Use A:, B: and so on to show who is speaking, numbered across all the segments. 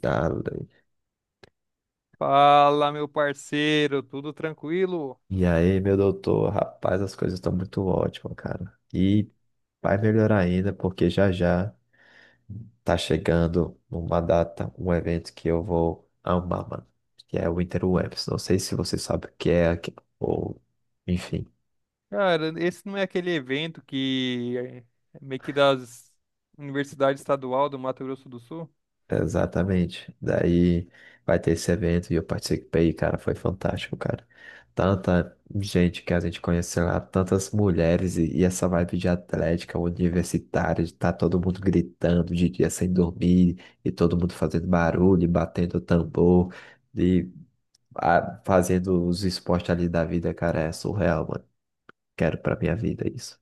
A: Darling.
B: Fala, meu parceiro, tudo tranquilo?
A: E aí, meu doutor, rapaz, as coisas estão muito ótimas, cara. E vai melhorar ainda, porque já já tá chegando uma data, um evento que eu vou amar, mano. Que é o Interwebs. Não sei se você sabe o que é, ou enfim.
B: Cara, esse não é aquele evento que é meio que das Universidade Estadual do Mato Grosso do Sul?
A: Exatamente. Daí vai ter esse evento e eu participei, cara, foi fantástico, cara. Tanta gente que a gente conheceu lá, tantas mulheres e essa vibe de atlética universitária, de tá todo mundo gritando de dia sem dormir e todo mundo fazendo barulho, e batendo tambor e fazendo os esportes ali da vida, cara, é surreal, mano. Quero pra minha vida isso.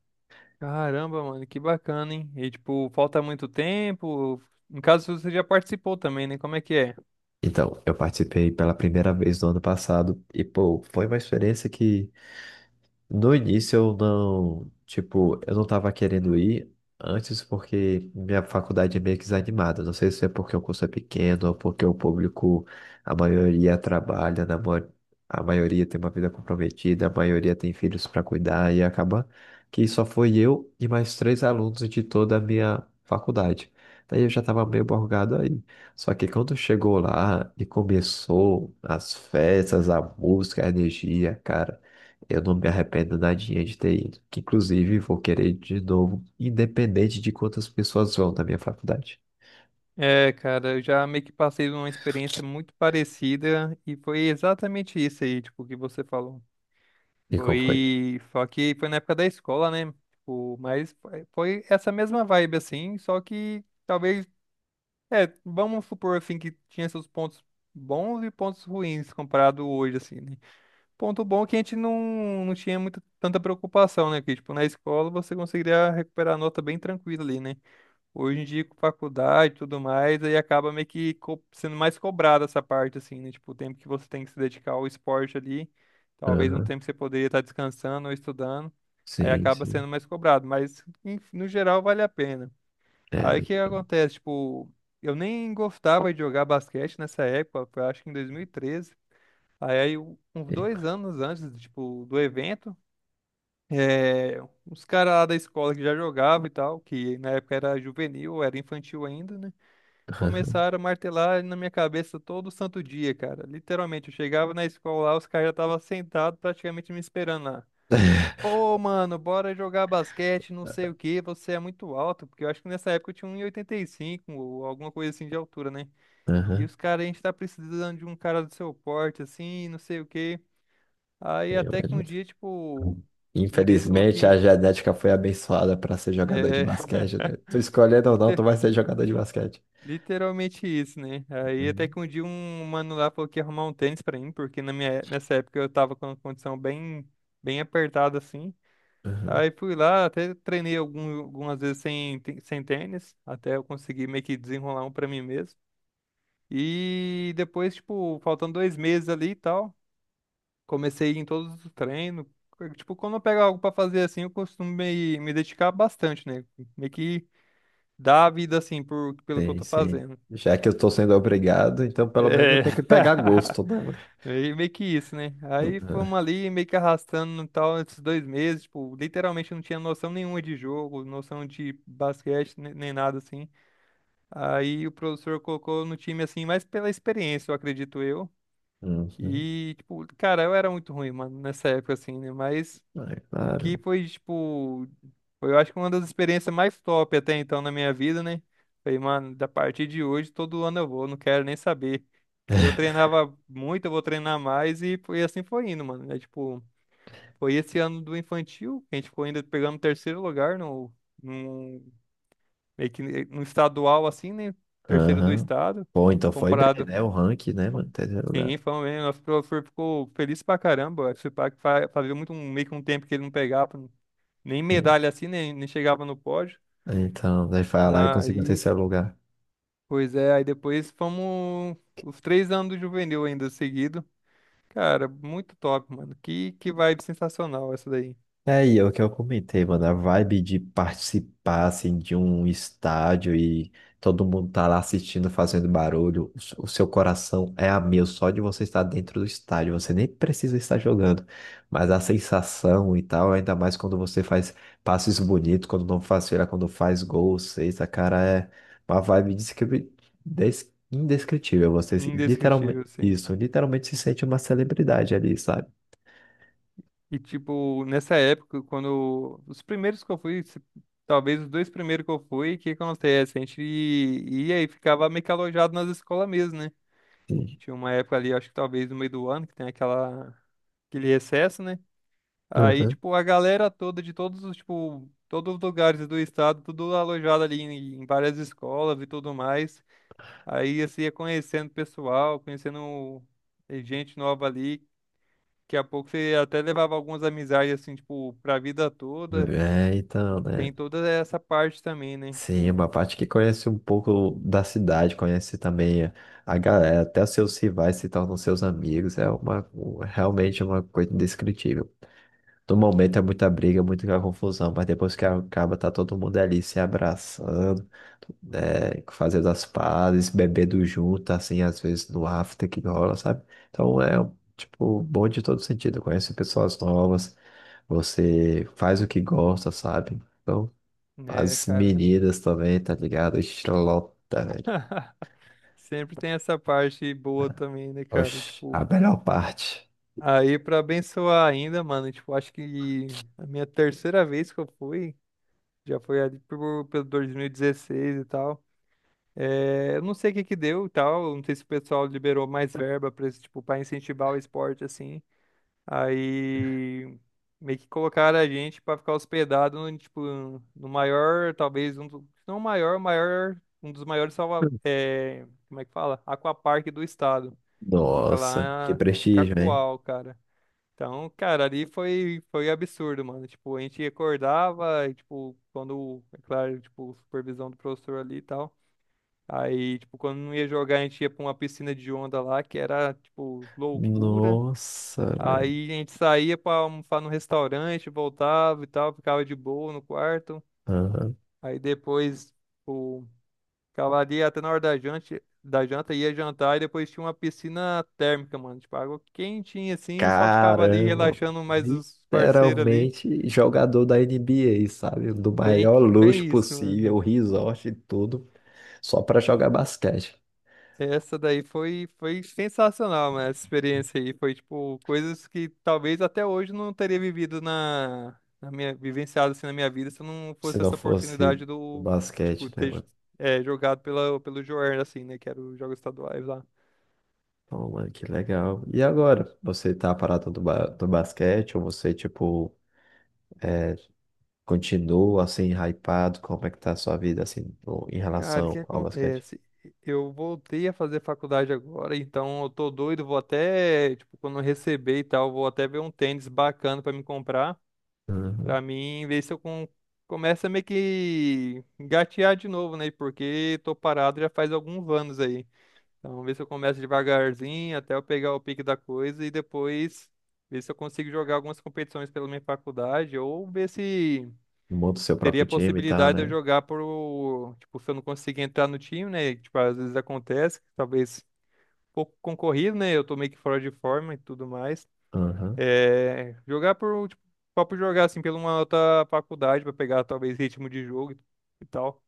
B: Caramba, mano, que bacana, hein? E tipo, falta muito tempo. Em caso você já participou também, né? Como é que é?
A: Então, eu participei pela primeira vez no ano passado e, pô, foi uma experiência que no início eu não, tipo, eu não tava querendo ir antes porque minha faculdade é meio que desanimada. Não sei se é porque o curso é pequeno ou porque o público, a maioria trabalha, a maioria tem uma vida comprometida, a maioria tem filhos para cuidar e acaba que só foi eu e mais três alunos de toda a minha faculdade. Daí eu já tava meio borgado aí. Só que quando chegou lá e começou as festas, a música, a energia, cara. Eu não me arrependo nadinha de ter ido. Que, inclusive, vou querer ir de novo, independente de quantas pessoas vão na minha faculdade.
B: É, cara, eu já meio que passei uma experiência muito parecida e foi exatamente isso aí, tipo, que você falou.
A: E como foi?
B: Foi. Só que foi na época da escola, né? Tipo, mas foi essa mesma vibe, assim. Só que talvez. É, vamos supor, assim, que tinha seus pontos bons e pontos ruins comparado hoje, assim, né? Ponto bom é que a gente não tinha tanta preocupação, né? Que, tipo, na escola você conseguiria recuperar a nota bem tranquila ali, né? Hoje em dia, com faculdade e tudo mais, aí acaba meio que sendo mais cobrada essa parte, assim, né? Tipo, o tempo que você tem que se dedicar ao esporte ali, talvez um
A: Aham,
B: tempo que você poderia estar descansando ou estudando, aí
A: sim,
B: acaba
A: sim.
B: sendo mais cobrado, mas no geral vale a pena.
A: É,
B: Aí o que acontece? Tipo, eu nem gostava de jogar basquete nessa época, foi acho que em 2013. Aí, uns
A: é,
B: 2 anos antes, tipo, do evento. É, uns caras lá da escola que já jogavam e tal, que na época era juvenil, era infantil ainda, né?
A: aham,
B: Começaram a martelar na minha cabeça todo santo dia, cara. Literalmente, eu chegava na escola lá, os caras já estavam sentados praticamente me esperando lá. Pô, mano, bora jogar basquete, não sei o que você é muito alto, porque eu acho que nessa época eu tinha um 1,85 ou alguma coisa assim de altura, né? E
A: aham,
B: os caras, a gente tá precisando de um cara do seu porte, assim, não sei o que. Aí
A: é,
B: até que um
A: mas-
B: dia, tipo, um deles falou
A: infelizmente, a
B: que.
A: genética foi abençoada para ser jogador de
B: É,
A: basquete, né? Tu escolhendo ou não, tu
B: Liter-
A: vai ser jogador de basquete.
B: Literalmente isso, né? Aí até
A: Uhum,
B: que um dia um mano lá falou que ia arrumar um tênis pra mim, porque na minha, nessa época eu tava com uma condição bem, bem apertada assim.
A: uhum.
B: Aí fui lá, até treinei algumas vezes sem tênis, até eu conseguir meio que desenrolar um pra mim mesmo. E depois, tipo, faltando 2 meses ali e tal, comecei a ir em todos os treinos. Tipo, quando eu pego algo pra fazer assim, eu costumo me dedicar bastante, né? Meio que dar a vida assim pelo que eu
A: Sim,
B: tô
A: sim.
B: fazendo.
A: Já que eu tô sendo obrigado, então pelo menos eu
B: É,
A: tenho que pegar gosto, né, mano?
B: meio que isso, né? Aí fomos ali, meio que arrastando e tal, esses 2 meses, tipo, literalmente não tinha noção nenhuma de jogo, noção de basquete, nem nada assim. Aí o professor colocou no time, assim, mais pela experiência, eu acredito eu.
A: Uhum, uhum.
B: E, tipo, cara, eu era muito ruim, mano, nessa época, assim, né? Mas
A: Ah, é
B: o que
A: claro.
B: foi, tipo, foi, eu acho que uma das experiências mais top até então na minha vida, né? Falei, mano, da partir de hoje, todo ano eu vou, não quero nem saber. Eu treinava muito, eu vou treinar mais e foi e assim foi indo, mano. É tipo, foi esse ano do infantil que a gente ficou ainda pegando terceiro lugar no, meio que no estadual, assim, né? Terceiro do
A: Aham.
B: estado,
A: Bom, então foi bem,
B: comparado.
A: né? O ranking, né, mano? Terceiro lugar.
B: Sim, foi mesmo. Nosso professor ficou feliz pra caramba. Esse pá que fazia muito um, meio que um tempo que ele não pegava nem medalha assim, nem chegava no pódio.
A: Então, daí foi lá e conseguiu o
B: Aí,
A: terceiro lugar.
B: pois é, aí depois fomos os 3 anos do juvenil ainda seguido. Cara, muito top, mano. Que vibe sensacional essa daí.
A: É, e é o que eu comentei, mano, a vibe de participar, assim, de um estádio e todo mundo tá lá assistindo, fazendo barulho, o seu coração é a mil só de você estar dentro do estádio, você nem precisa estar jogando, mas a sensação e tal, ainda mais quando você faz passes bonitos, quando não faz feira, quando faz gol, sexta, cara, é uma vibe indescritível, você se- literalmente,
B: Indescritível, assim.
A: isso, literalmente se sente uma celebridade ali, sabe?
B: E, tipo, nessa época, quando. Os primeiros que eu fui, talvez os dois primeiros que eu fui, o que acontece? A gente ia e ficava meio que alojado nas escolas mesmo, né?
A: Sim.
B: Tinha uma época ali, acho que talvez no meio do ano, que tem aquele recesso, né? Aí,
A: Aham.
B: tipo, a galera toda de todos os, tipo, todos os lugares do estado, tudo alojado ali em várias escolas e tudo mais. Aí você ia conhecendo pessoal, conhecendo gente nova ali. Daqui a pouco você até levava algumas amizades, assim, tipo, pra vida toda.
A: É, então, né?
B: Tem toda essa parte também, né?
A: Sim,
B: Tipo,
A: uma parte que conhece um pouco da cidade, conhece também a galera, até os seus rivais se tornam seus amigos, é realmente uma coisa indescritível. No momento é muita briga, muita confusão, mas depois que acaba, tá todo mundo ali se abraçando, né, fazendo as pazes, bebendo junto, assim, às vezes no after que rola, sabe? Então é, tipo, bom de todo sentido, conhece pessoas novas, você faz o que gosta, sabe? Então
B: né,
A: as
B: cara?
A: meninas também, tá ligado? Estrelota, velho.
B: Sempre tem essa parte boa também, né, cara?
A: Oxe,
B: Tipo,
A: a melhor parte.
B: aí pra abençoar ainda, mano, tipo, acho que a minha terceira vez que eu fui, já foi ali pelo 2016 e tal. É, eu não sei o que que deu e tal, não sei se o pessoal liberou mais verba para tipo, para incentivar o esporte assim. Aí meio que colocaram a gente para ficar hospedado no, tipo, no maior, talvez um, se não o maior, um dos maiores salva, é, como é que fala? Aquapark do estado, que fica
A: Nossa, que
B: lá em
A: prestígio, hein?
B: Cacoal, cara. Então, cara, ali foi absurdo, mano. Tipo, a gente acordava, e, tipo, quando, é claro, tipo, supervisão do professor ali e tal. Aí, tipo, quando não ia jogar, a gente ia pra uma piscina de onda lá, que era, tipo, loucura.
A: Nossa, velho.
B: Aí a gente saía pra almoçar no restaurante, voltava e tal, ficava de boa no quarto.
A: Aham.
B: Aí depois, tipo, ficava ali até na hora da janta, ia jantar e depois tinha uma piscina térmica, mano. Tipo, água quentinha assim, só ficava ali
A: Caramba.
B: relaxando mais os parceiros ali.
A: Literalmente jogador da NBA sabe? Do
B: Bem
A: maior
B: que,
A: luxo
B: bem isso,
A: possível,
B: mano.
A: o resort e tudo, só pra jogar basquete.
B: Essa daí foi sensacional, mano. Essa experiência aí foi tipo coisas que talvez até hoje não teria vivido na minha vivenciado assim na minha vida se não
A: Se
B: fosse
A: não
B: essa
A: fosse
B: oportunidade
A: o
B: do tipo
A: basquete, né,
B: ter
A: mano?
B: é, jogado pelo Joer assim, né? Que era os jogos estaduais lá.
A: Então, mano, que legal. E agora? Você tá parado do, ba do basquete ou você, tipo. Continua assim, hypado? Como é que tá a sua vida assim, em
B: Cara, o que
A: relação ao basquete?
B: acontece? Eu voltei a fazer faculdade agora, então eu tô doido, vou até, tipo, quando eu receber e tal, vou até ver um tênis bacana pra me comprar.
A: Uhum.
B: Pra mim, ver se eu começo a meio que engatear de novo, né? Porque tô parado já faz alguns anos aí. Então, ver se eu começo devagarzinho até eu pegar o pique da coisa e depois ver se eu consigo jogar algumas competições pela minha faculdade ou ver se
A: Monta o seu
B: teria
A: próprio
B: a
A: time e tal,
B: possibilidade de eu
A: né?
B: jogar por, tipo, se eu não conseguir entrar no time, né? Tipo, às vezes acontece, talvez pouco concorrido, né? Eu tô meio que fora de forma e tudo mais.
A: Aham.
B: É, jogar por, tipo, só por jogar, assim, pela uma outra faculdade, pra pegar talvez ritmo de jogo e tal.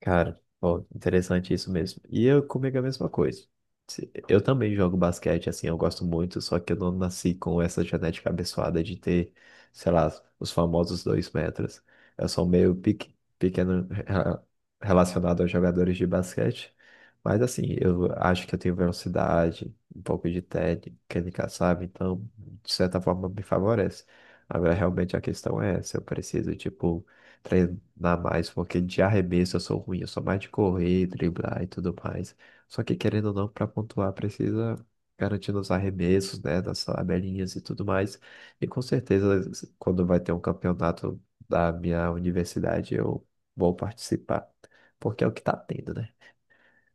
A: Cara, ó, interessante isso mesmo. E eu comigo é a mesma coisa. Eu também jogo basquete, assim, eu gosto muito, só que eu não nasci com essa genética abençoada de ter, sei lá, os famosos 2 metros. Eu sou pequeno relacionado aos jogadores de basquete, mas assim, eu acho que eu tenho velocidade, um pouco de técnica, sabe? Então, de certa forma, me favorece. Agora, realmente, a questão é se eu preciso, tipo, treinar mais, porque de arremesso eu sou ruim, eu sou mais de correr, driblar e tudo mais. Só que querendo ou não, para pontuar, precisa garantir nos arremessos, né, nas tabelinhas e tudo mais. E com certeza, quando vai ter um campeonato da minha universidade, eu vou participar, porque é o que tá tendo, né?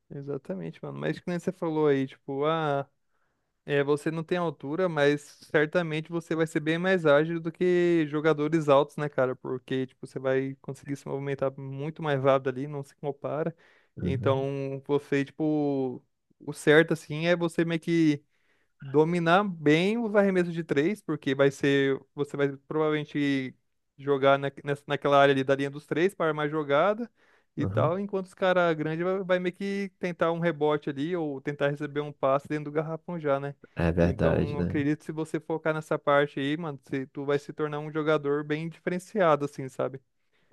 B: Exatamente, mano. Mas que nem você falou aí, tipo, ah, é, você não tem altura, mas certamente você vai ser bem mais ágil do que jogadores altos, né, cara? Porque, tipo, você vai conseguir se movimentar muito mais rápido ali, não se compara.
A: Uhum,
B: Então, você, tipo, o certo, assim, é você meio que dominar bem os arremessos de três, porque vai ser, você vai provavelmente jogar naquela área ali da linha dos três para armar jogada e
A: uhum.
B: tal, enquanto os caras grandes vai meio que tentar um rebote ali ou tentar receber um passe dentro do garrafão já, né?
A: É
B: Então,
A: verdade,
B: eu
A: né?
B: acredito que se você focar nessa parte aí, mano, você, tu vai se tornar um jogador bem diferenciado, assim, sabe?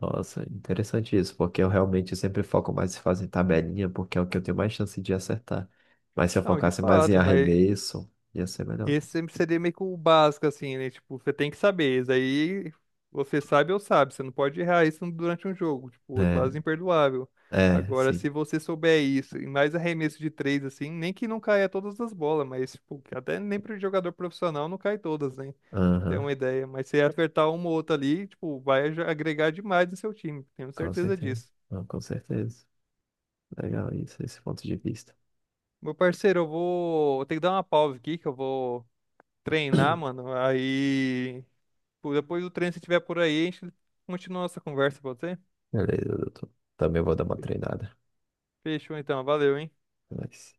A: Nossa, interessante isso, porque eu realmente sempre foco mais em fazer tabelinha, porque é o que eu tenho mais chance de acertar. Mas se eu
B: Não, de
A: focasse mais em
B: fato, mas
A: arremesso, ia ser melhor.
B: esse sempre seria meio que o básico, assim, né? Tipo, você tem que saber. Isso aí você sabe ou sabe. Você não pode errar isso durante um jogo. Tipo, é
A: É,
B: quase imperdoável.
A: é,
B: Agora,
A: sim.
B: se você souber isso, e mais arremesso de três, assim, nem que não caia todas as bolas, mas, tipo, que até nem pro jogador profissional não cai todas, né? Pra ter
A: Aham,
B: uma ideia. Mas se acertar uma ou outra ali, tipo, vai agregar demais no seu time. Tenho
A: com
B: certeza
A: certeza.
B: disso.
A: Não, com certeza. Legal isso, esse ponto de vista.
B: Meu parceiro, eu vou. Eu tenho que dar uma pausa aqui, que eu vou treinar, mano. Aí. Pô, depois do treino, se tiver por aí, a gente continua nossa conversa, pode ser?
A: Beleza, doutor. Também vou dar uma treinada.
B: Fechou então, valeu, hein?
A: Mas...